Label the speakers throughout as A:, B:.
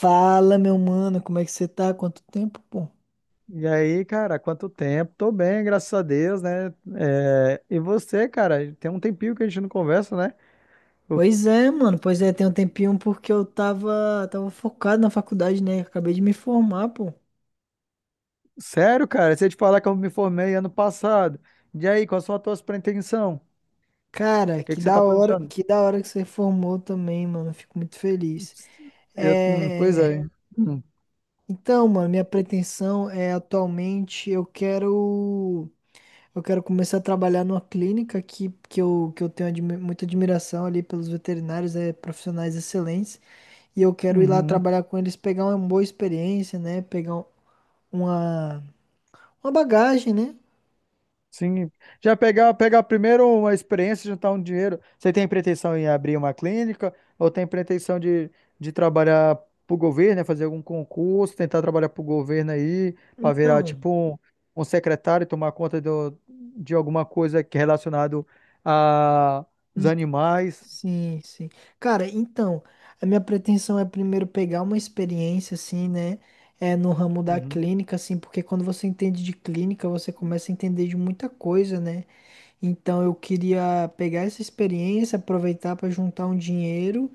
A: Fala, meu mano, como é que você tá? Quanto tempo, pô?
B: E aí, cara, quanto tempo? Tô bem, graças a Deus, né? É, e você, cara, tem um tempinho que a gente não conversa, né? Eu-
A: Pois é, mano, pois é, tem um tempinho porque eu tava focado na faculdade, né? Acabei de me formar, pô.
B: Sério, cara, se eu te falar que eu me formei ano passado. E aí, quais são as tuas pretensões? O
A: Cara,
B: que
A: que
B: que você tá
A: da hora,
B: planejando?
A: que da hora que você formou também, mano. Fico muito feliz.
B: Pois
A: É...
B: é. Hum,
A: Então, mano, minha pretensão é atualmente eu quero começar a trabalhar numa clínica que eu tenho muita admiração ali pelos veterinários, é, profissionais excelentes. E eu quero ir lá
B: uhum.
A: trabalhar com eles, pegar uma boa experiência, né? Pegar uma, uma bagagem, né?
B: Sim, já pegar primeiro uma experiência, juntar um dinheiro. Você tem pretensão em abrir uma clínica ou tem pretensão de trabalhar para o governo, né, fazer algum concurso, tentar trabalhar para o governo aí, para virar
A: Então,
B: tipo um secretário, tomar conta de alguma coisa que é relacionado a os
A: hum,
B: animais?
A: sim, sim. Cara, então, a minha pretensão é primeiro pegar uma experiência, assim, né? É no ramo da
B: Uhum,
A: clínica, assim, porque quando você entende de clínica, você começa a entender de muita coisa, né? Então eu queria pegar essa experiência, aproveitar para juntar um dinheiro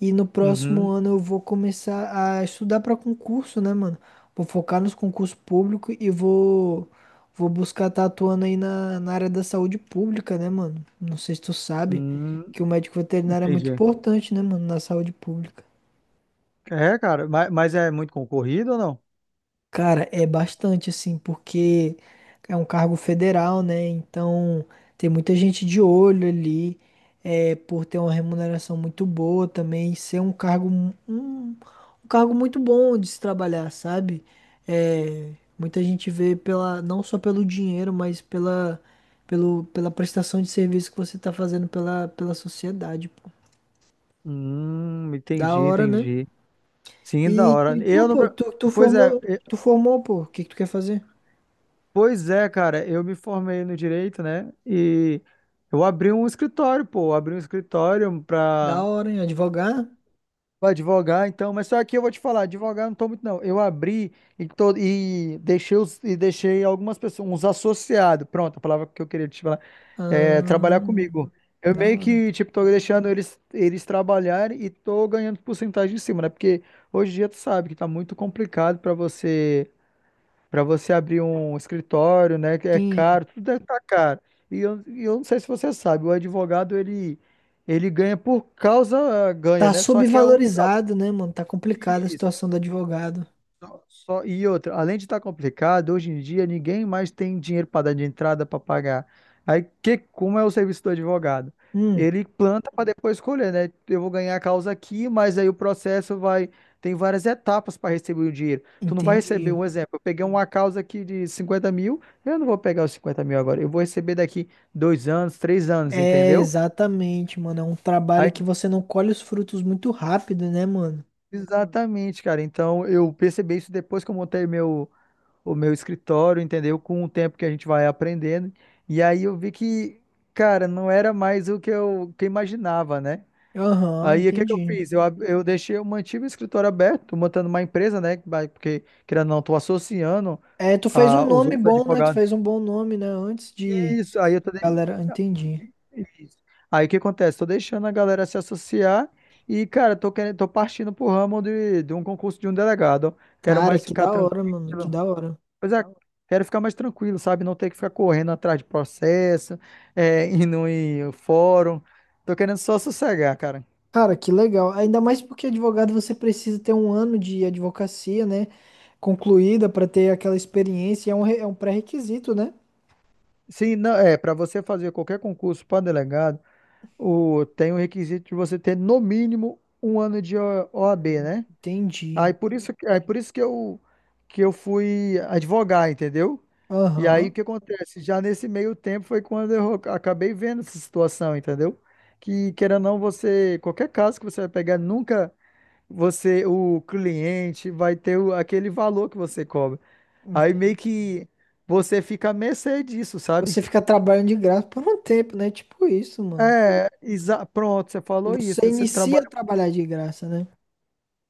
A: e no próximo
B: uhum,
A: ano eu vou começar a estudar para concurso, né, mano? Vou focar nos concursos públicos e vou buscar estar atuando aí na área da saúde pública, né, mano? Não sei se tu sabe
B: hum,
A: que o médico veterinário é muito
B: entendi.
A: importante, né, mano, na saúde pública.
B: É, cara, mas é muito concorrido ou não?
A: Cara, é bastante assim, porque é um cargo federal, né? Então tem muita gente de olho ali, é, por ter uma remuneração muito boa também, ser um um cargo muito bom de se trabalhar, sabe? É, muita gente vê não só pelo dinheiro, mas pela prestação de serviço que você tá fazendo pela sociedade, pô. Da
B: Entendi,
A: hora, né?
B: entendi. Sim, da hora. Eu no Pois é, e-
A: Tu formou, pô, o que que tu quer fazer?
B: pois é, cara, eu me formei no direito, né? E eu abri um escritório, pô, eu abri um escritório
A: Da
B: pra,
A: hora, hein? Advogar?
B: pra advogar, então, mas só que eu vou te falar, advogar eu não tô muito não. Eu abri e deixei algumas pessoas, uns associados, pronto, a palavra que eu queria te falar, é, trabalhar
A: Ah,
B: comigo. Eu
A: da
B: meio
A: hora.
B: que, tipo, tô deixando eles trabalharem e tô ganhando porcentagem em cima, né? Porque hoje em dia tu sabe que tá muito complicado pra você Para você abrir um escritório, né? Que é
A: Sim.
B: caro, tudo é tá caro. E eu não sei se você sabe, o advogado ele ganha por causa ganha,
A: Tá
B: né? Só que é um,
A: subvalorizado, né, mano? Tá complicada a
B: isso,
A: situação do advogado.
B: só, e outra, além de estar complicado, hoje em dia ninguém mais tem dinheiro para dar de entrada para pagar. Aí que como é o serviço do advogado?
A: Hum,
B: Ele planta para depois escolher, né? Eu vou ganhar a causa aqui, mas aí o processo vai tem várias etapas para receber o dinheiro. Tu não vai receber,
A: entendi.
B: um exemplo, eu peguei uma causa aqui de 50 mil, eu não vou pegar os 50 mil agora, eu vou receber daqui 2 anos, 3 anos,
A: É,
B: entendeu?
A: exatamente, mano. É um trabalho
B: Aí,
A: que você não colhe os frutos muito rápido, né, mano?
B: exatamente, cara. Então eu percebi isso depois que eu montei meu o meu escritório, entendeu? Com o tempo que a gente vai aprendendo. E aí eu vi que, cara, não era mais o que eu imaginava, né?
A: Aham,
B: Aí o que que eu
A: entendi.
B: fiz? Eu deixei, eu mantive o escritório aberto, tô montando uma empresa, né? Porque, querendo ou não, tô associando
A: É, tu fez um
B: os
A: nome
B: outros
A: bom, né? Tu
B: advogados.
A: fez um bom nome, né? Antes de.
B: Isso, aí eu tô. De-
A: Galera, entendi.
B: isso. Aí o que acontece? Tô deixando a galera se associar e, cara, tô querendo, tô partindo pro ramo de um concurso de um delegado, ó. Quero
A: Cara,
B: mais
A: que
B: ficar
A: da
B: tranquilo.
A: hora, mano. Que da hora.
B: Pois é, quero ficar mais tranquilo, sabe? Não ter que ficar correndo atrás de processo, é, indo em fórum. Tô querendo só sossegar, cara.
A: Cara, que legal. Ainda mais porque advogado você precisa ter 1 ano de advocacia, né? Concluída para ter aquela experiência. É um pré-requisito, né?
B: Sim, não, é, para você fazer qualquer concurso para delegado, tem o requisito de você ter no mínimo um ano de OAB, né?
A: Entendi.
B: Aí por isso que eu fui advogar, entendeu? E aí o
A: Aham,
B: que acontece? Já nesse meio tempo foi quando eu acabei vendo essa situação, entendeu? Que querendo ou não, você, qualquer caso que você vai pegar, nunca. Você, o cliente vai ter aquele valor que você cobra. Aí meio
A: entendi.
B: que você fica à mercê disso, sabe?
A: Você fica trabalhando de graça por um tempo, né? Tipo isso, mano.
B: É, pronto, você falou isso,
A: Você
B: né? Você
A: inicia a
B: trabalha.
A: trabalhar de graça, né?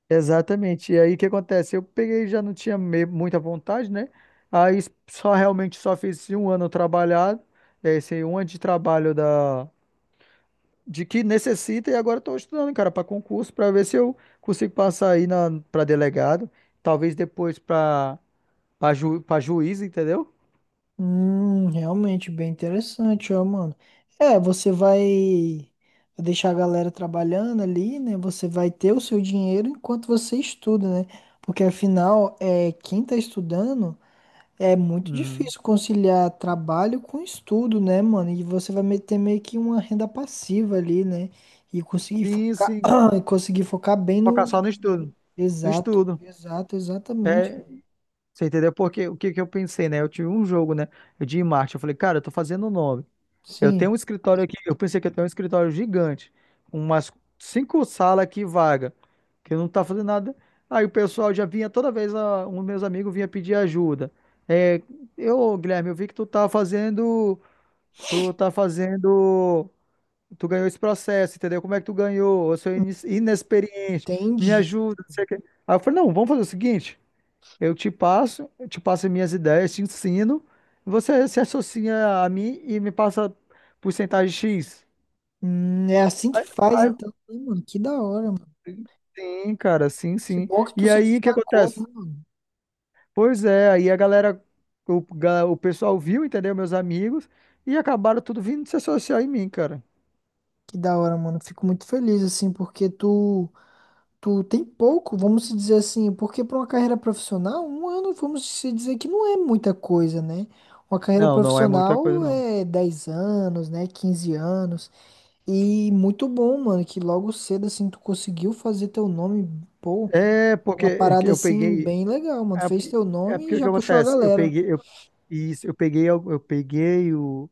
B: Exatamente. E aí o que acontece? Eu peguei, já não tinha muita vontade, né? Aí só realmente só fiz esse um ano trabalhado, é, esse um ano de trabalho da de que necessita e agora estou estudando, cara, para concurso, para ver se eu consigo passar aí na para delegado, talvez depois para para ju, pra juiz, entendeu?
A: Realmente bem interessante, ó, mano. É, você vai deixar a galera trabalhando ali, né? Você vai ter o seu dinheiro enquanto você estuda, né? Porque afinal, é, quem tá estudando é muito
B: Hum.
A: difícil conciliar trabalho com estudo, né, mano? E você vai ter meio que uma renda passiva ali, né? E conseguir
B: Sim,
A: focar,
B: sim.
A: e conseguir focar bem
B: Focar
A: no.
B: só no estudo. No
A: Exato,
B: estudo.
A: exato, exatamente.
B: É, você entendeu? Porque o que que eu pensei, né? Eu tive um jogo, né? De marketing. Eu falei, cara, eu tô fazendo o nome. Eu tenho
A: Sim,
B: um escritório aqui. Eu pensei que eu tenho um escritório gigante. Umas cinco salas aqui vaga. Que eu não tá fazendo nada. Aí o pessoal já vinha toda vez, um meus amigos vinha pedir ajuda. É, eu, Guilherme, eu vi que tu tá fazendo. Tu tá fazendo. Tu ganhou esse processo, entendeu? Como é que tu ganhou? Eu sou inexperiente, me
A: entendi.
B: ajuda, não sei o quê. Aí eu falei, não, vamos fazer o seguinte, eu te passo minhas ideias, te ensino, você se associa a mim e me passa porcentagem X.
A: É assim que
B: Aí-
A: faz,
B: aí-
A: então, né, mano? Que da hora, mano.
B: Sim, cara, sim,
A: Que
B: sim.
A: bom que tu
B: E
A: se
B: aí, o que
A: destacou, né,
B: acontece?
A: mano?
B: Pois é, aí a galera, o pessoal viu, entendeu? Meus amigos, e acabaram tudo vindo se associar em mim, cara.
A: Que da hora, mano. Fico muito feliz, assim, porque tu tem pouco, vamos se dizer assim, porque pra uma carreira profissional, 1 ano, vamos se dizer que não é muita coisa, né? Uma carreira
B: Não, não é muita coisa,
A: profissional
B: não.
A: é 10 anos, né? 15 anos. E muito bom, mano, que logo cedo, assim, tu conseguiu fazer teu nome, pô,
B: É,
A: uma
B: porque
A: parada,
B: eu
A: assim,
B: peguei,
A: bem legal, mano.
B: É
A: Fez
B: porque,
A: teu
B: é
A: nome
B: porque
A: e
B: o que
A: já puxou a
B: acontece? Eu
A: galera.
B: peguei, eu, isso, eu peguei, al- eu peguei o.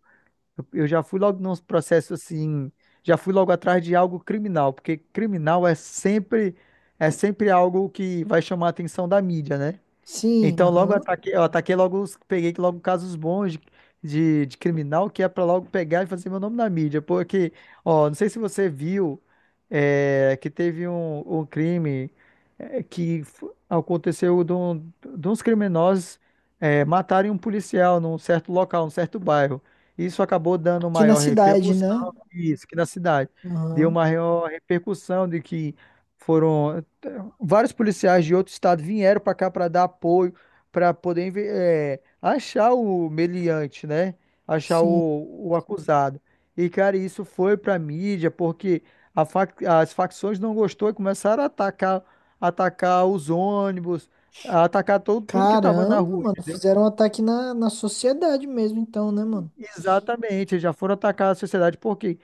B: Eu já fui logo nos processos assim. Já fui logo atrás de algo criminal, porque criminal é sempre algo que vai chamar a atenção da mídia, né?
A: Sim,
B: Então logo
A: aham.
B: eu ataquei logo, peguei logo casos bons de criminal que é pra logo pegar e fazer meu nome na mídia. Porque, ó, não sei se você viu que teve um crime que aconteceu de uns criminosos matarem um policial num certo local, num certo bairro. Isso acabou dando
A: Aqui na
B: maior
A: cidade, né?
B: repercussão, isso, que na cidade. Deu
A: Aham,
B: maior repercussão de que foram vários policiais de outro estado vieram para cá para dar apoio para poder achar o meliante, né? Achar
A: sim.
B: o acusado. E, cara, isso foi para mídia porque as facções não gostou e começaram a atacar, atacar os ônibus, a atacar tudo que estava na
A: Caramba,
B: rua,
A: mano,
B: entendeu?
A: fizeram um ataque na sociedade mesmo, então, né, mano?
B: Exatamente, já foram atacar a sociedade. Por quê?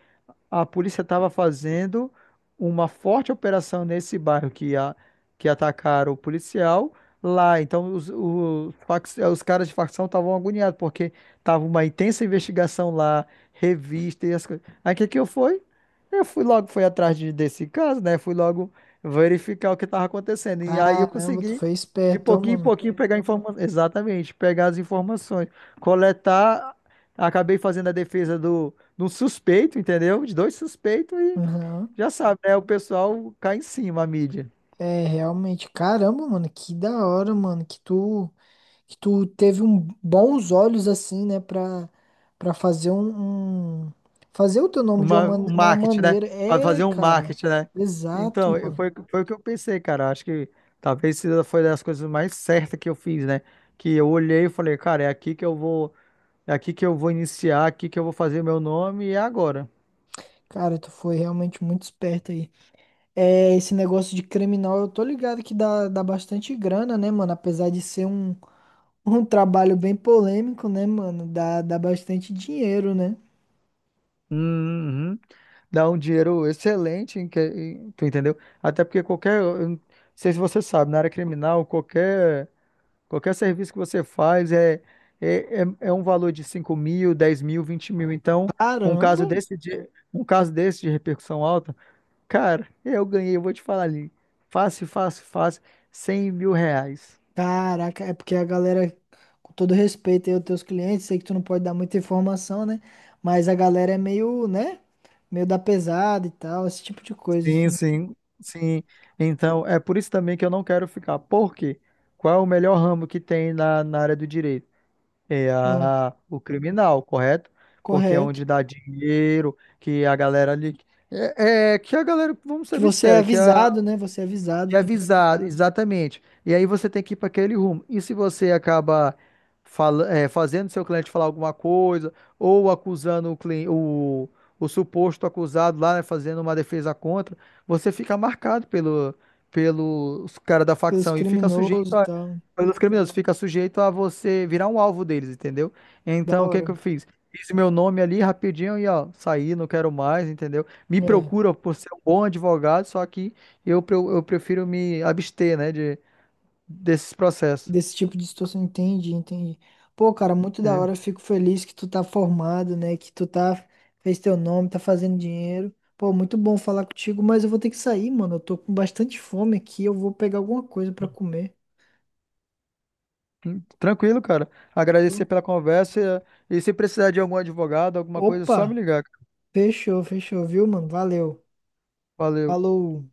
B: A polícia estava fazendo uma forte operação nesse bairro que, que atacaram o policial lá. Então, os caras de facção estavam agoniados, porque tava uma intensa investigação lá, revista e as coisas. Aí, o que que eu fui? Eu fui logo, fui atrás desse caso, né? Fui logo verificar o que estava acontecendo. E aí eu
A: Caramba, tu
B: consegui,
A: foi
B: de
A: esperto, ó,
B: pouquinho em
A: mano.
B: pouquinho, pegar informações. Exatamente, pegar as informações, coletar. Acabei fazendo a defesa do de um suspeito, entendeu? De dois suspeitos e
A: Aham.
B: já sabe, né? O pessoal cai em cima, a mídia.
A: É, realmente. Caramba, mano, que da hora, mano, que tu teve um, bons olhos, assim, né, pra fazer Fazer o teu nome de
B: Um
A: uma
B: marketing, né?
A: maneira.
B: Para
A: É,
B: fazer um
A: cara.
B: marketing, né?
A: Exato,
B: Então, eu-
A: mano.
B: foi, foi o que eu pensei, cara. Acho que talvez foi das coisas mais certas que eu fiz, né? Que eu olhei e falei, cara, é aqui que eu vou, é aqui que eu vou iniciar, é aqui que eu vou fazer meu nome e é agora.
A: Cara, tu foi realmente muito esperto aí. É, esse negócio de criminal, eu tô ligado que dá bastante grana, né, mano? Apesar de ser um trabalho bem polêmico, né, mano? Dá bastante dinheiro, né?
B: Uhum. Dá um dinheiro excelente, tu entendeu? Até porque qualquer, eu não sei se você sabe, na área criminal, qualquer serviço que você faz é um valor de 5 mil, 10 mil, 20 mil. Então, um caso
A: Caramba!
B: desse um caso desse de repercussão alta, cara, eu ganhei, eu vou te falar ali, fácil, fácil, fácil, R$ 100 mil.
A: Caraca, é porque a galera, com todo respeito aí aos teus clientes, sei que tu não pode dar muita informação, né? Mas a galera é meio, né? Meio da pesada e tal, esse tipo de coisa,
B: Sim,
A: assim.
B: sim, sim. Então, é por isso também que eu não quero ficar. Por quê? Qual é o melhor ramo que tem na área do direito? É
A: Hum,
B: o criminal, correto? Porque é
A: correto.
B: onde dá dinheiro, que a galera ali. É que a galera, vamos
A: Que
B: ser
A: você é
B: sinceros, que a
A: avisado, né? Você é avisado
B: e
A: também
B: avisado, exatamente. E aí você tem que ir para aquele rumo. E se você acaba fala, é, fazendo seu cliente falar alguma coisa, ou acusando o suposto acusado lá, né, fazendo uma defesa contra, você fica marcado pelos caras da
A: pelos
B: facção e fica sujeito
A: criminosos e tal.
B: pelos criminosos, fica sujeito a você virar um alvo deles, entendeu?
A: Da
B: Então, o que que
A: hora.
B: eu fiz? Fiz meu nome ali rapidinho e ó, saí, não quero mais, entendeu? Me
A: É.
B: procura por ser um bom advogado, só que eu prefiro me abster, né, desses processos.
A: Desse tipo de situação, entendi, entendi. Pô, cara, muito da
B: Entendeu?
A: hora, eu fico feliz que tu tá formado, né? Que tu tá, fez teu nome, tá fazendo dinheiro. Pô, muito bom falar contigo, mas eu vou ter que sair, mano. Eu tô com bastante fome aqui, eu vou pegar alguma coisa pra comer.
B: Hum. Tranquilo, cara.
A: Viu?
B: Agradecer pela conversa e se precisar de algum advogado, alguma coisa, é só me
A: Opa,
B: ligar, cara.
A: fechou, fechou, viu, mano? Valeu.
B: Valeu.
A: Falou.